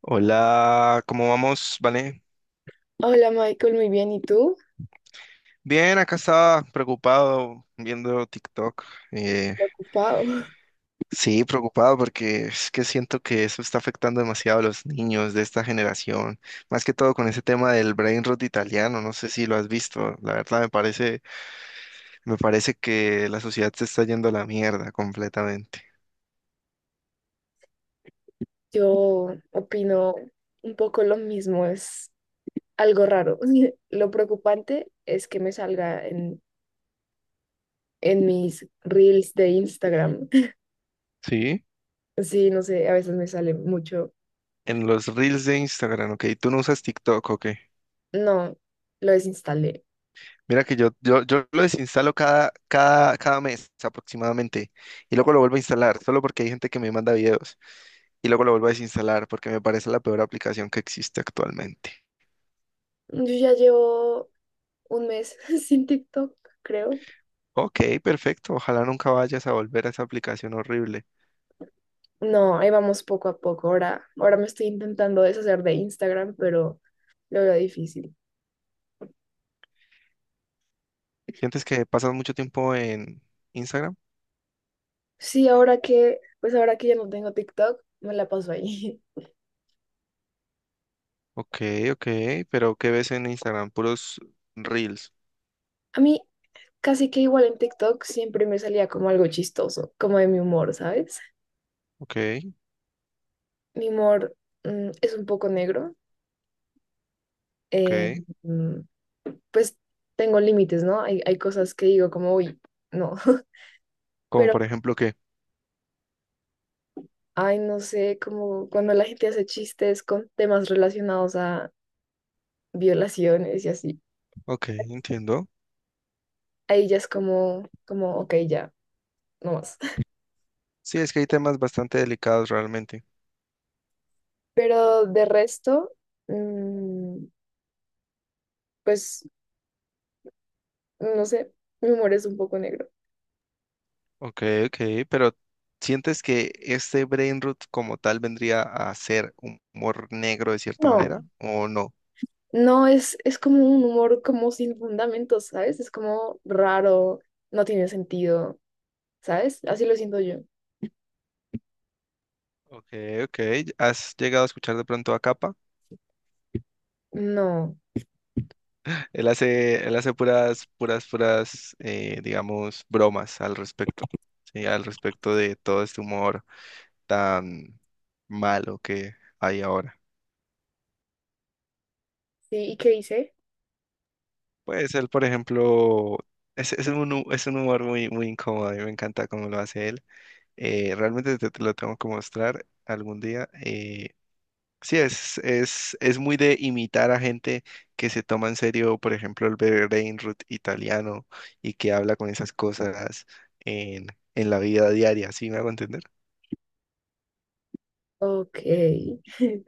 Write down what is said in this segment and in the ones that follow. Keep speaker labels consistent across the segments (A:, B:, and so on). A: Hola, ¿cómo vamos? Vale.
B: Hola Michael, muy bien. ¿Y tú?
A: Bien, acá estaba preocupado viendo TikTok. Eh,
B: Ocupado.
A: sí, preocupado porque es que siento que eso está afectando demasiado a los niños de esta generación. Más que todo con ese tema del brain rot italiano. No sé si lo has visto. La verdad me parece que la sociedad se está yendo a la mierda completamente.
B: Yo opino un poco lo mismo, es algo raro. Lo preocupante es que me salga en mis reels de Instagram.
A: Sí.
B: Sí, no sé, a veces me sale mucho.
A: En los reels de Instagram, ok. ¿Tú no usas TikTok, ok?
B: No, lo desinstalé.
A: Mira que yo lo desinstalo cada mes aproximadamente y luego lo vuelvo a instalar, solo porque hay gente que me manda videos y luego lo vuelvo a desinstalar porque me parece la peor aplicación que existe actualmente.
B: Yo ya llevo un mes sin TikTok, creo.
A: Ok, perfecto. Ojalá nunca vayas a volver a esa aplicación horrible.
B: No, ahí vamos poco a poco. Ahora me estoy intentando deshacer de Instagram, pero lo veo difícil.
A: ¿Sientes que pasas mucho tiempo en Instagram?
B: Sí, ahora que, pues ahora que ya no tengo TikTok, me la paso ahí.
A: Ok, ok, pero ¿qué ves en Instagram? Puros reels.
B: A mí casi que igual en TikTok siempre me salía como algo chistoso, como de mi humor, ¿sabes?
A: Ok,
B: Mi humor es un poco negro.
A: ok.
B: eh, mm, pues tengo límites, ¿no? Hay cosas que digo como, uy, no.
A: Como
B: Pero,
A: por ejemplo, ¿qué?
B: ay, no sé, como cuando la gente hace chistes con temas relacionados a violaciones y así.
A: Ok, entiendo.
B: Ahí ya es como, como, ok, ya, no más.
A: Sí, es que hay temas bastante delicados realmente.
B: Pero de resto... mm, pues, no sé, mi humor es un poco negro.
A: Ok, ok, pero ¿sientes que este brain rot como tal vendría a ser humor negro de cierta
B: No.
A: manera o no?
B: No, es como un humor como sin fundamentos, ¿sabes? Es como raro, no tiene sentido, ¿sabes? Así lo siento yo.
A: Ok, ok, ¿has llegado a escuchar de pronto a Capa?
B: No.
A: Él hace puras, digamos, bromas al respecto, ¿sí? Al respecto de todo este humor tan malo que hay ahora.
B: Sí, ¿y qué hice?
A: Pues él, por ejemplo, es un humor muy, muy incómodo y me encanta cómo lo hace él. Realmente te lo tengo que mostrar algún día. Sí, es muy de imitar a gente que se toma en serio, por ejemplo, el Berenrut italiano y que habla con esas cosas en, en la vida diaria, ¿sí me hago entender?
B: Ok.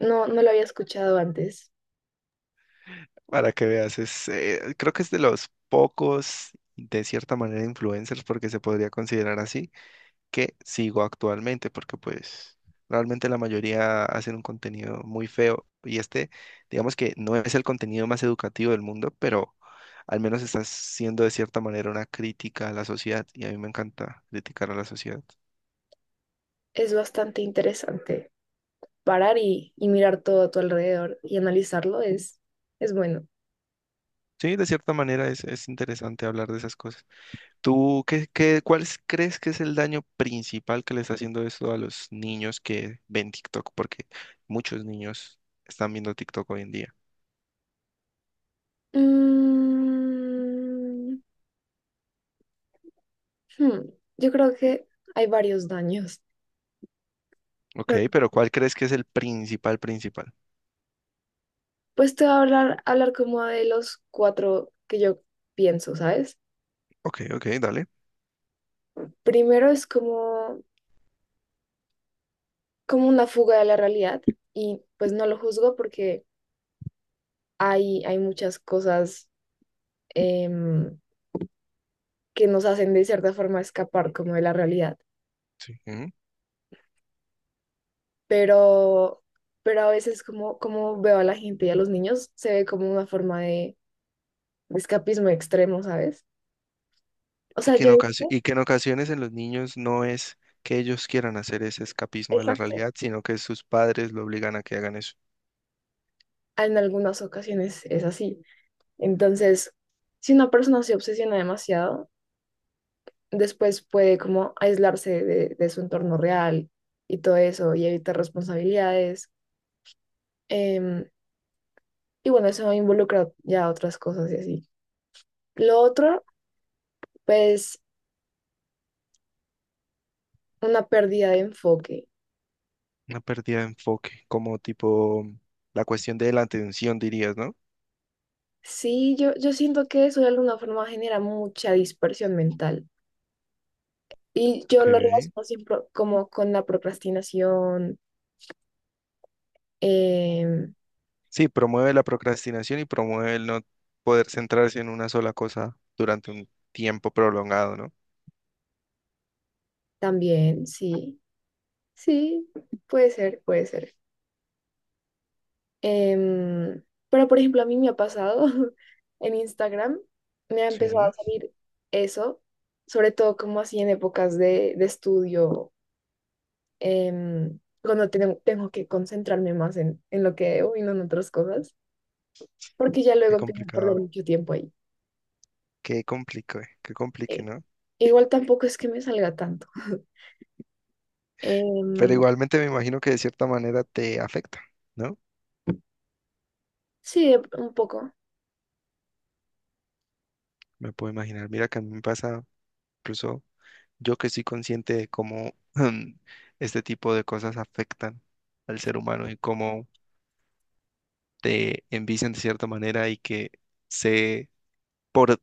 B: No, no lo había escuchado antes.
A: Para que veas, creo que es de los pocos, de cierta manera, influencers, porque se podría considerar así que sigo actualmente, porque pues realmente la mayoría hacen un contenido muy feo y este, digamos que no es el contenido más educativo del mundo, pero al menos está siendo de cierta manera una crítica a la sociedad y a mí me encanta criticar a la sociedad.
B: Es bastante interesante. Parar y mirar todo a tu alrededor y analizarlo es bueno.
A: Sí, de cierta manera es interesante hablar de esas cosas. ¿Tú cuál crees que es el daño principal que le está haciendo esto a los niños que ven TikTok? Porque muchos niños están viendo TikTok hoy en día.
B: Mm, hmm, yo creo que hay varios daños.
A: Ok,
B: Bueno,
A: pero ¿cuál crees que es el principal, principal?
B: pues te voy a hablar como de los cuatro que yo pienso, ¿sabes?
A: Ok, ok, dale.
B: Primero es como, como una fuga de la realidad y pues no lo juzgo porque hay muchas cosas em, que nos hacen de cierta forma escapar como de la realidad,
A: Sí. Ujú.
B: pero, pero a veces como, como veo a la gente y a los niños se ve como una forma de escapismo extremo, ¿sabes? O
A: Y
B: sea,
A: que
B: yo he visto,
A: y que en ocasiones en los niños no es que ellos quieran hacer ese escapismo de la
B: exacto,
A: realidad, sino que sus padres lo obligan a que hagan eso.
B: en algunas ocasiones es así. Entonces, si una persona se obsesiona demasiado, después puede como aislarse de su entorno real y todo eso y evitar responsabilidades. em, y bueno, eso involucra ya otras cosas y así. Lo otro, pues, una pérdida de enfoque.
A: Una pérdida de enfoque, como tipo la cuestión de la atención, dirías, ¿no?
B: Sí, yo siento que eso de alguna forma genera mucha dispersión mental. Y yo
A: Ok.
B: lo relaciono siempre como con la procrastinación, em,
A: Sí, promueve la procrastinación y promueve el no poder centrarse en una sola cosa durante un tiempo prolongado, ¿no?
B: también, sí, sí, puede ser, puede ser. Em, pero, por ejemplo, a mí me ha pasado en Instagram, me ha empezado a
A: Sí,
B: salir eso, sobre todo como así en épocas de estudio, cuando tengo que concentrarme más en lo que debo y no en otras cosas, porque ya luego
A: qué
B: empiezo a perder
A: complicado.
B: mucho tiempo ahí.
A: Qué complique,
B: Eh,
A: ¿no?
B: Igual tampoco es que me salga tanto.
A: Pero
B: Em,
A: igualmente me imagino que de cierta manera te afecta, ¿no?
B: sí, un poco.
A: Me puedo imaginar. Mira que a mí me pasa, incluso yo que soy consciente de cómo este tipo de cosas afectan al ser humano y cómo te envician de cierta manera y que sé por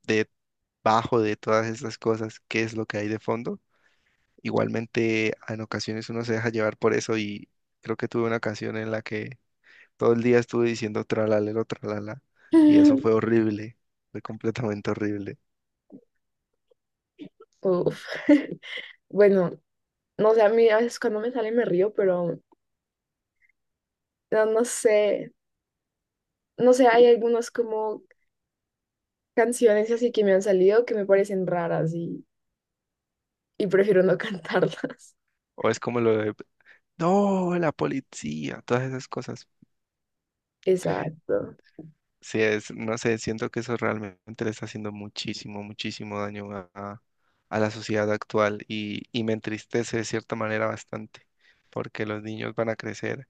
A: debajo de todas estas cosas qué es lo que hay de fondo. Igualmente, en ocasiones uno se deja llevar por eso y creo que tuve una ocasión en la que todo el día estuve diciendo tralalero, tralala, y eso fue horrible, fue completamente horrible.
B: Uf. Bueno, no sé, a mí a veces cuando me sale me río, pero no, no sé. No sé, hay algunas como canciones así que me han salido que me parecen raras y prefiero no cantarlas.
A: O es como lo de, no, la policía, todas esas cosas.
B: Exacto.
A: No sé, siento que eso realmente le está haciendo muchísimo, muchísimo daño a la sociedad actual y me entristece de cierta manera bastante, porque los niños van a crecer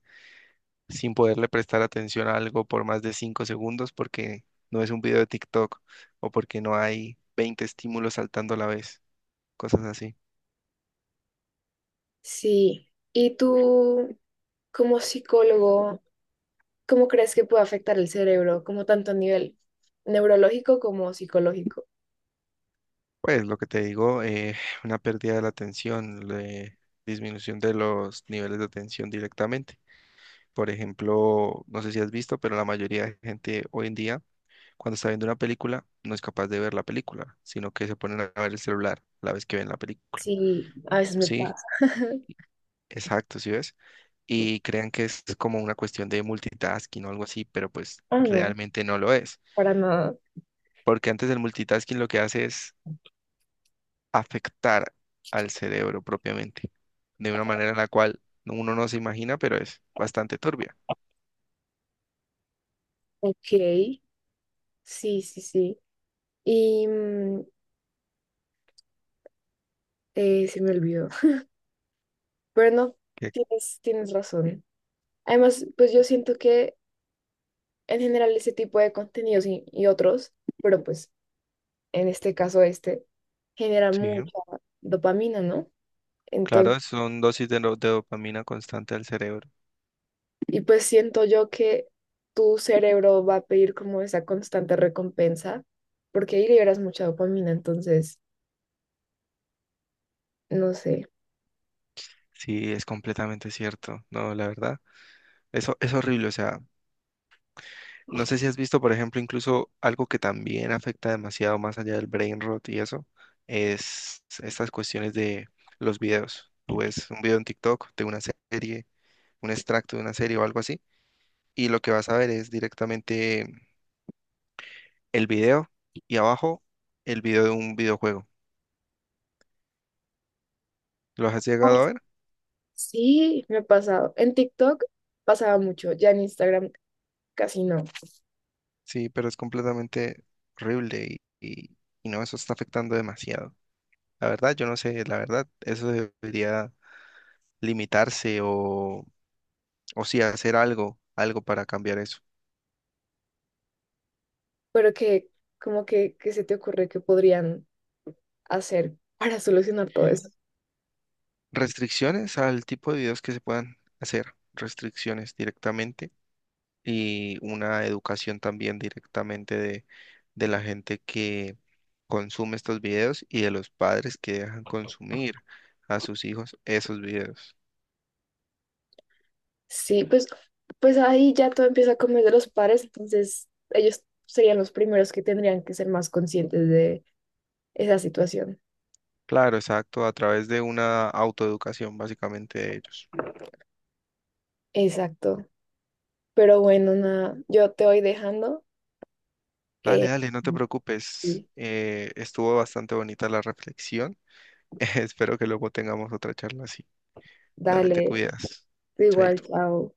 A: sin poderle prestar atención a algo por más de 5 segundos porque no es un video de TikTok o porque no hay 20 estímulos saltando a la vez, cosas así.
B: Sí. ¿Y tú, como psicólogo, cómo crees que puede afectar el cerebro, como tanto a nivel neurológico como psicológico?
A: Pues lo que te digo, una pérdida de la atención, disminución de los niveles de atención directamente. Por ejemplo, no sé si has visto, pero la mayoría de gente hoy en día, cuando está viendo una película, no es capaz de ver la película, sino que se ponen a ver el celular la vez que ven la película.
B: Sí, a veces me
A: Sí,
B: pasa.
A: exacto, ¿sí ves? Y crean que es como una cuestión de multitasking o algo así, pero pues
B: Ah, no,
A: realmente no lo es.
B: para nada.
A: Porque antes el multitasking lo que hace es afectar al cerebro propiamente, de una manera en la cual uno no se imagina, pero es bastante turbia.
B: Ok, sí, sí, sí. Y se me olvidó. Pero no,
A: Que-
B: tienes razón. Además, pues yo siento que en general ese tipo de contenidos y otros, pero pues en este caso este, genera
A: Sí,
B: mucha dopamina, ¿no? Entonces,
A: claro, son dosis de dopamina constante al cerebro.
B: y pues siento yo que tu cerebro va a pedir como esa constante recompensa, porque ahí liberas mucha dopamina, entonces, no sé.
A: Sí, es completamente cierto. No, la verdad, eso es horrible. O sea, no sé si has visto, por ejemplo, incluso algo que también afecta demasiado más allá del brain rot y eso, es estas cuestiones de los videos. Tú ves un video en TikTok de una serie, un extracto de una serie o algo así y lo que vas a ver es directamente el video y abajo el video de un videojuego. ¿Lo has llegado a ver?
B: Sí, me ha pasado. En TikTok pasaba mucho, ya en Instagram casi no,
A: Sí, pero es completamente horrible y no, eso está afectando demasiado. La verdad, yo no sé, la verdad, eso debería limitarse o sí, hacer algo, algo para cambiar eso.
B: pero que como que, qué se te ocurre que podrían hacer para solucionar todo eso.
A: Restricciones al tipo de videos que se puedan hacer, restricciones directamente y una educación también directamente de la gente que consume estos videos y de los padres que dejan consumir a sus hijos esos videos.
B: Sí, pues, pues ahí ya todo empieza a comer de los pares, entonces ellos serían los primeros que tendrían que ser más conscientes de esa situación.
A: Claro, exacto, a través de una autoeducación básicamente de ellos.
B: Exacto. Pero bueno, nada, yo te voy dejando.
A: Dale,
B: Eh,
A: dale, no te preocupes.
B: y
A: Estuvo bastante bonita la reflexión. Espero que luego tengamos otra charla así. Dale, te
B: dale,
A: cuidas.
B: igual,
A: Chaito.
B: chao.